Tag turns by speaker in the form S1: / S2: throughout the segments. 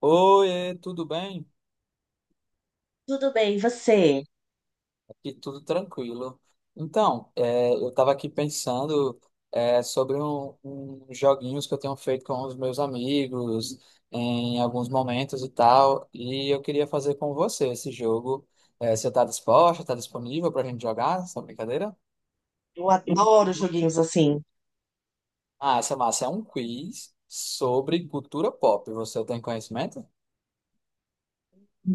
S1: Oi, tudo bem?
S2: Tudo bem, e você?
S1: Aqui tudo tranquilo. Então, eu estava aqui pensando sobre um joguinhos que eu tenho feito com os meus amigos em alguns momentos e tal, e eu queria fazer com você esse jogo. É, você está disposta? Está disponível para a gente jogar essa brincadeira?
S2: Eu adoro joguinhos assim.
S1: Ah, essa massa é um quiz sobre cultura pop. Você tem conhecimento?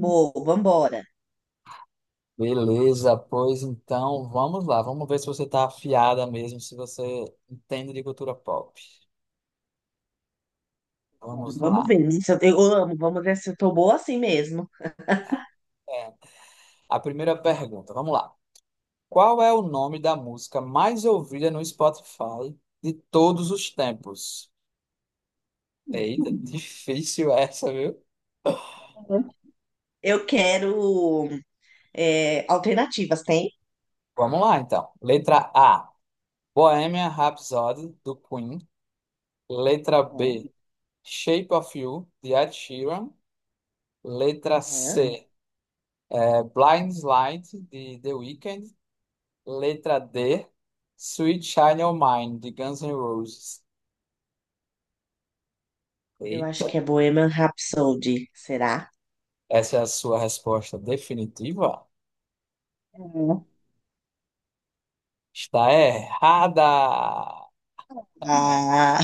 S2: Boa, vambora.
S1: Beleza, pois então vamos lá, vamos ver se você está afiada mesmo, se você entende de cultura pop.
S2: Bora,
S1: Vamos
S2: vamos
S1: lá.
S2: ver, né? Se eu amo, vamos ver se eu tô boa assim mesmo.
S1: É, a primeira pergunta, vamos lá. Qual é o nome da música mais ouvida no Spotify de todos os tempos? Eita, difícil essa, viu?
S2: Uhum. Eu quero alternativas, tem?
S1: Vamos lá então. Letra A, Bohemian Rhapsody, do Queen. Letra
S2: Uhum,
S1: B, Shape of You, de Ed Sheeran. Letra
S2: uhum.
S1: C, Blind Light, de The Weeknd. Letra D, Sweet Child O' Mine, de Guns N' Roses.
S2: Eu acho
S1: Eita,
S2: que é Bohemian Rhapsody, será?
S1: essa é a sua resposta definitiva?
S2: Uhum.
S1: Está errada!
S2: Ah,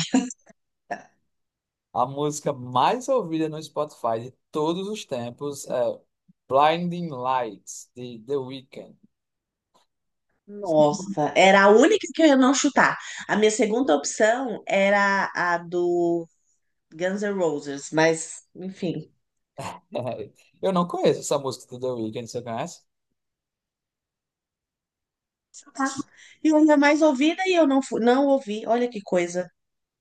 S1: A música mais ouvida no Spotify de todos os tempos é Blinding Lights, de The Weeknd.
S2: nossa, era a única que eu ia não chutar. A minha segunda opção era a do Guns N' Roses, mas enfim.
S1: Eu não conheço essa música do The Weeknd, você conhece?
S2: Tá. E ainda mais ouvida e eu não fui, não ouvi. Olha que coisa.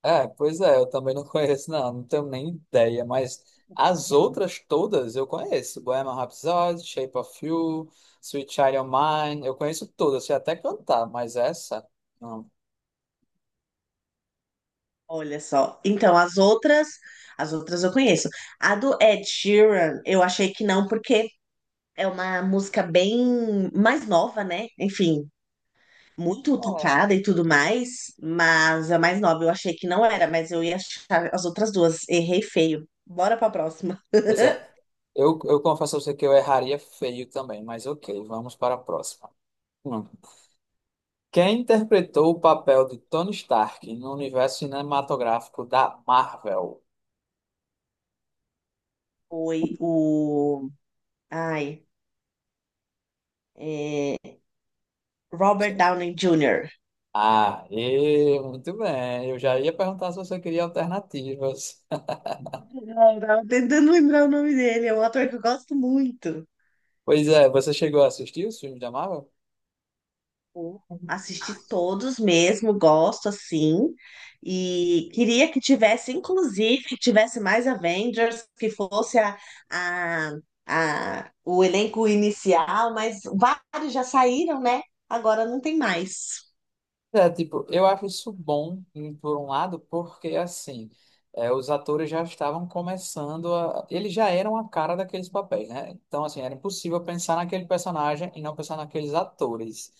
S1: É, pois é, eu também não conheço, não, não tenho nem ideia, mas as outras todas eu conheço. Bohemian Rhapsody, Shape of You, Sweet Child O' Mine, eu conheço todas, sei até cantar, mas essa, não.
S2: Olha só. Então, as outras eu conheço. A do Ed Sheeran, eu achei que não, porque é uma música bem mais nova, né? Enfim, muito tocada e tudo mais, mas a mais nova eu achei que não era, mas eu ia achar as outras duas. Errei feio. Bora pra próxima.
S1: Pois é, eu confesso a você que eu erraria feio também, mas ok, vamos para a próxima. Hum. Quem interpretou o papel de Tony Stark no universo cinematográfico da Marvel?
S2: Foi o. Ai. é, Robert
S1: Sim.
S2: Downey Jr.
S1: Ah, e muito bem, eu já ia perguntar se você queria alternativas.
S2: Eu tava tentando lembrar o nome dele. É um ator que eu gosto muito.
S1: Pois é, você chegou a assistir os filmes da Marvel?
S2: Tipo, assisti todos mesmo, gosto assim. E queria que tivesse, inclusive, que tivesse mais Avengers, que fosse a, o elenco inicial, mas vários já saíram, né? Agora não tem mais.
S1: É, tipo, eu acho isso bom, por um lado, porque, assim, os atores já estavam começando a... Eles já eram a cara daqueles papéis, né? Então, assim, era impossível pensar naquele personagem e não pensar naqueles atores.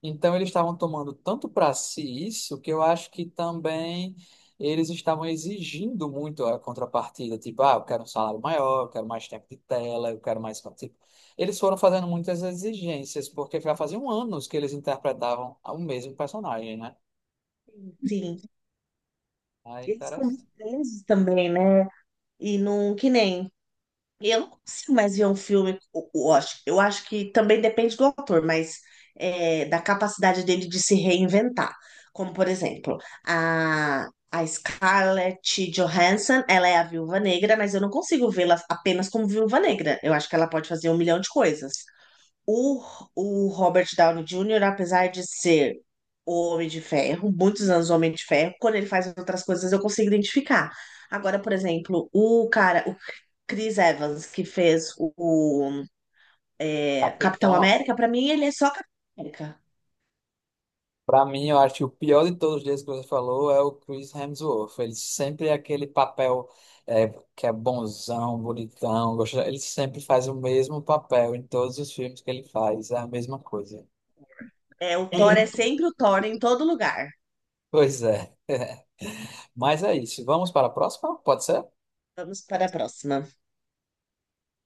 S1: Então, eles estavam tomando tanto para si isso, que eu acho que também eles estavam exigindo muito a contrapartida. Tipo, ah, eu quero um salário maior, eu quero mais tempo de tela, eu quero mais... Eles foram fazendo muitas exigências, porque já faziam anos que eles interpretavam o mesmo personagem, né?
S2: Sim.
S1: Aí,
S2: Eles ficam muito
S1: interessante.
S2: presos também, né? E não, que nem. E eu não consigo mais ver um filme. Eu acho que também depende do autor, mas da capacidade dele de se reinventar. Como, por exemplo, a Scarlett Johansson, ela é a Viúva Negra, mas eu não consigo vê-la apenas como Viúva Negra. Eu acho que ela pode fazer um milhão de coisas. O, o Robert Downey Jr., apesar de ser o Homem de Ferro, muitos anos o Homem de Ferro, quando ele faz outras coisas eu consigo identificar. Agora, por exemplo, o cara, Chris Evans, que fez Capitão
S1: Capitão,
S2: América, pra mim ele é só Capitão América.
S1: para mim, eu acho que o pior de todos eles que você falou é o Chris Hemsworth. Ele sempre é aquele papel é, que é bonzão, bonitão, gostoso. Ele sempre faz o mesmo papel em todos os filmes que ele faz, é a mesma coisa.
S2: É, o Thor é sempre o Thor em todo lugar.
S1: Pois é. Mas é isso. Vamos para a próxima? Pode ser?
S2: Vamos para a próxima.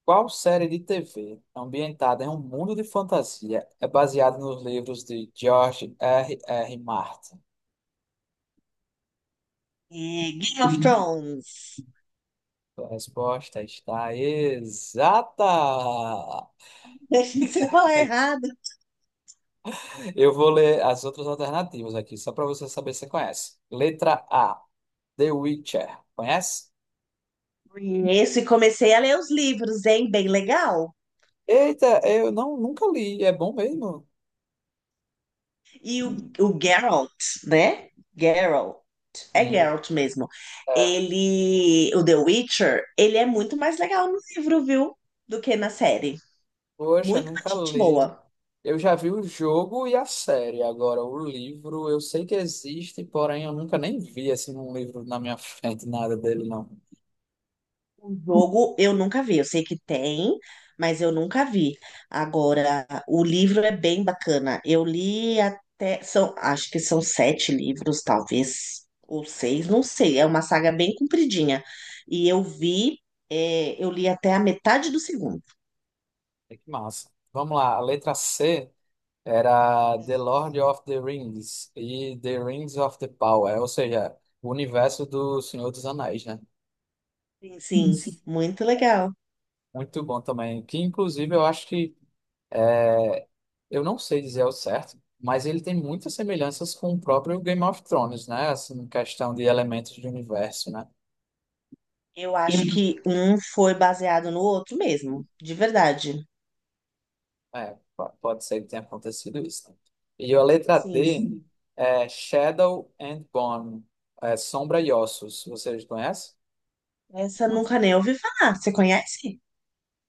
S1: Qual série de TV ambientada em um mundo de fantasia é baseada nos livros de George R. R. Martin?
S2: É, Game of Thrones.
S1: A resposta está exata.
S2: Você falar errado.
S1: Eu vou ler as outras alternativas aqui, só para você saber se você conhece. Letra A, The Witcher. Conhece?
S2: Conheço e comecei a ler os livros, hein? Bem legal.
S1: Eita, eu não, nunca li. É bom mesmo?
S2: E o Geralt, né? Geralt. É
S1: Sim.
S2: Geralt mesmo.
S1: É.
S2: Ele, o The Witcher, ele é muito mais legal no livro, viu? Do que na série.
S1: Poxa,
S2: Muito mais
S1: nunca
S2: gente
S1: li.
S2: boa.
S1: Eu já vi o jogo e a série. Agora, o livro eu sei que existe, porém eu nunca nem vi assim um livro na minha frente, nada dele, não.
S2: O jogo eu nunca vi, eu sei que tem, mas eu nunca vi. Agora, o livro é bem bacana. Eu li até, são, acho que são sete livros, talvez, ou seis, não sei. É uma saga bem compridinha. E eu vi, eu li até a metade do segundo.
S1: É que massa. Vamos lá, a letra C era The Lord of the Rings e The Rings of the Power, ou seja, o universo do Senhor dos Anéis, né?
S2: Sim, sim, muito legal.
S1: Muito bom também. Que inclusive eu acho que é, eu não sei dizer ao certo, mas ele tem muitas semelhanças com o próprio Game of Thrones, né? Assim, em questão de elementos de universo, né?
S2: Eu acho que um foi baseado no outro mesmo, de verdade.
S1: É, pode ser que tenha acontecido isso, né? E a letra
S2: Sim.
S1: D é Shadow and Bone, é Sombra e Ossos. Vocês conhecem?
S2: Essa eu nunca nem ouvi falar. Você conhece?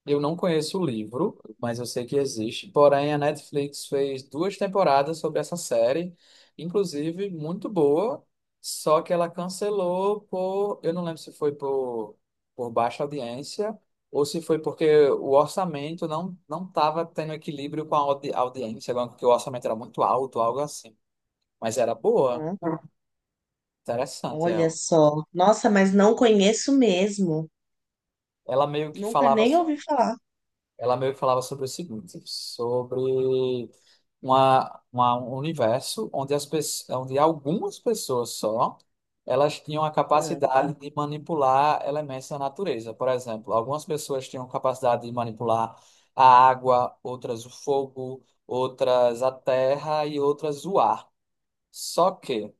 S1: Eu não conheço o livro, mas eu sei que existe. Porém, a Netflix fez duas temporadas sobre essa série, inclusive muito boa, só que ela cancelou por, eu não lembro se foi por baixa audiência ou se foi porque o orçamento não estava tendo equilíbrio com a audiência, porque o orçamento era muito alto, algo assim. Mas era boa,
S2: Uhum.
S1: interessante
S2: Olha
S1: ela.
S2: só. Nossa, mas não conheço mesmo.
S1: Ela meio que
S2: Nunca
S1: falava
S2: nem ouvi falar.
S1: Ela meio que falava sobre o seguinte, sobre um universo onde algumas pessoas só, elas tinham a
S2: Ah,
S1: capacidade de manipular elementos da natureza. Por exemplo, algumas pessoas tinham capacidade de manipular a água, outras o fogo, outras a terra e outras o ar. Só que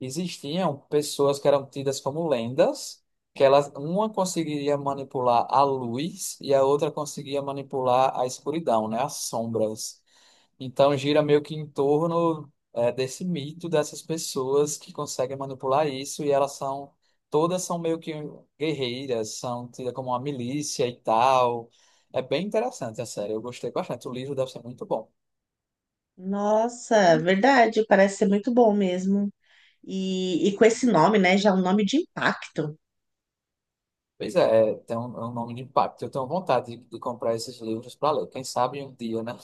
S1: existiam pessoas que eram tidas como lendas, que elas, uma conseguiria manipular a luz e a outra conseguia manipular a escuridão, né, as sombras. Então gira meio que em torno desse mito dessas pessoas que conseguem manipular isso e elas são todas são meio que guerreiras, são tidas como uma milícia e tal. É bem interessante a série, eu gostei bastante. O livro deve ser muito bom.
S2: nossa, verdade, parece ser muito bom mesmo. E com esse nome, né? Já é um nome de impacto.
S1: Pois é, é, é um nome de impacto. Eu tenho vontade de comprar esses livros para ler. Quem sabe um dia, né?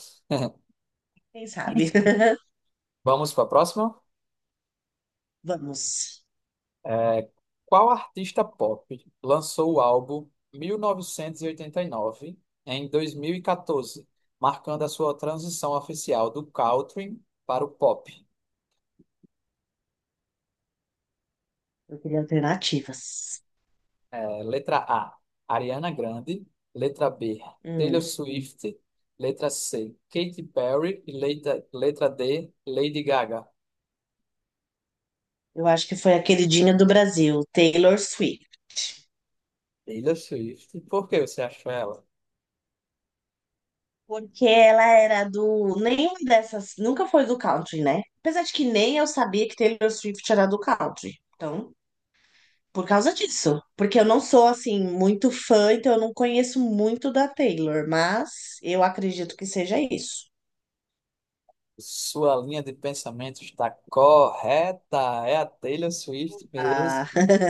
S2: Quem sabe?
S1: Vamos para a próxima?
S2: Vamos.
S1: É, qual artista pop lançou o álbum mil novecentos e oitenta e nove em 2014, marcando a sua transição oficial do country para o pop?
S2: Eu queria alternativas.
S1: É, letra A, Ariana Grande. Letra B, Taylor
S2: Hum,
S1: Swift. Letra C, Katy Perry. E letra D, Lady Gaga.
S2: eu acho que foi a queridinha do Brasil, Taylor Swift.
S1: Taylor Swift. E por que você achou ela?
S2: Porque ela era do. Nenhuma dessas. Nunca foi do country, né? Apesar de que nem eu sabia que Taylor Swift era do country. Então, por causa disso, porque eu não sou assim muito fã, então eu não conheço muito da Taylor, mas eu acredito que seja isso.
S1: Sua linha de pensamento está correta. É a Taylor Swift
S2: Ah,
S1: mesmo.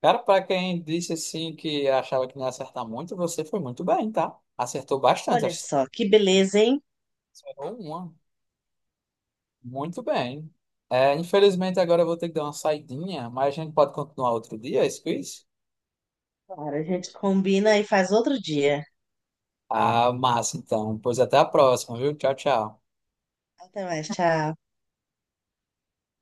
S1: Cara, para quem disse assim que achava que não ia acertar muito, você foi muito bem, tá? Acertou bastante.
S2: olha
S1: Acho que
S2: só, que beleza, hein?
S1: você errou uma. Muito bem. É, infelizmente, agora eu vou ter que dar uma saidinha, mas a gente pode continuar outro dia, esse quiz?
S2: Claro, a gente combina e faz outro dia.
S1: Ah, massa, então. Pois até a próxima, viu? Tchau, tchau.
S2: Até mais, tchau.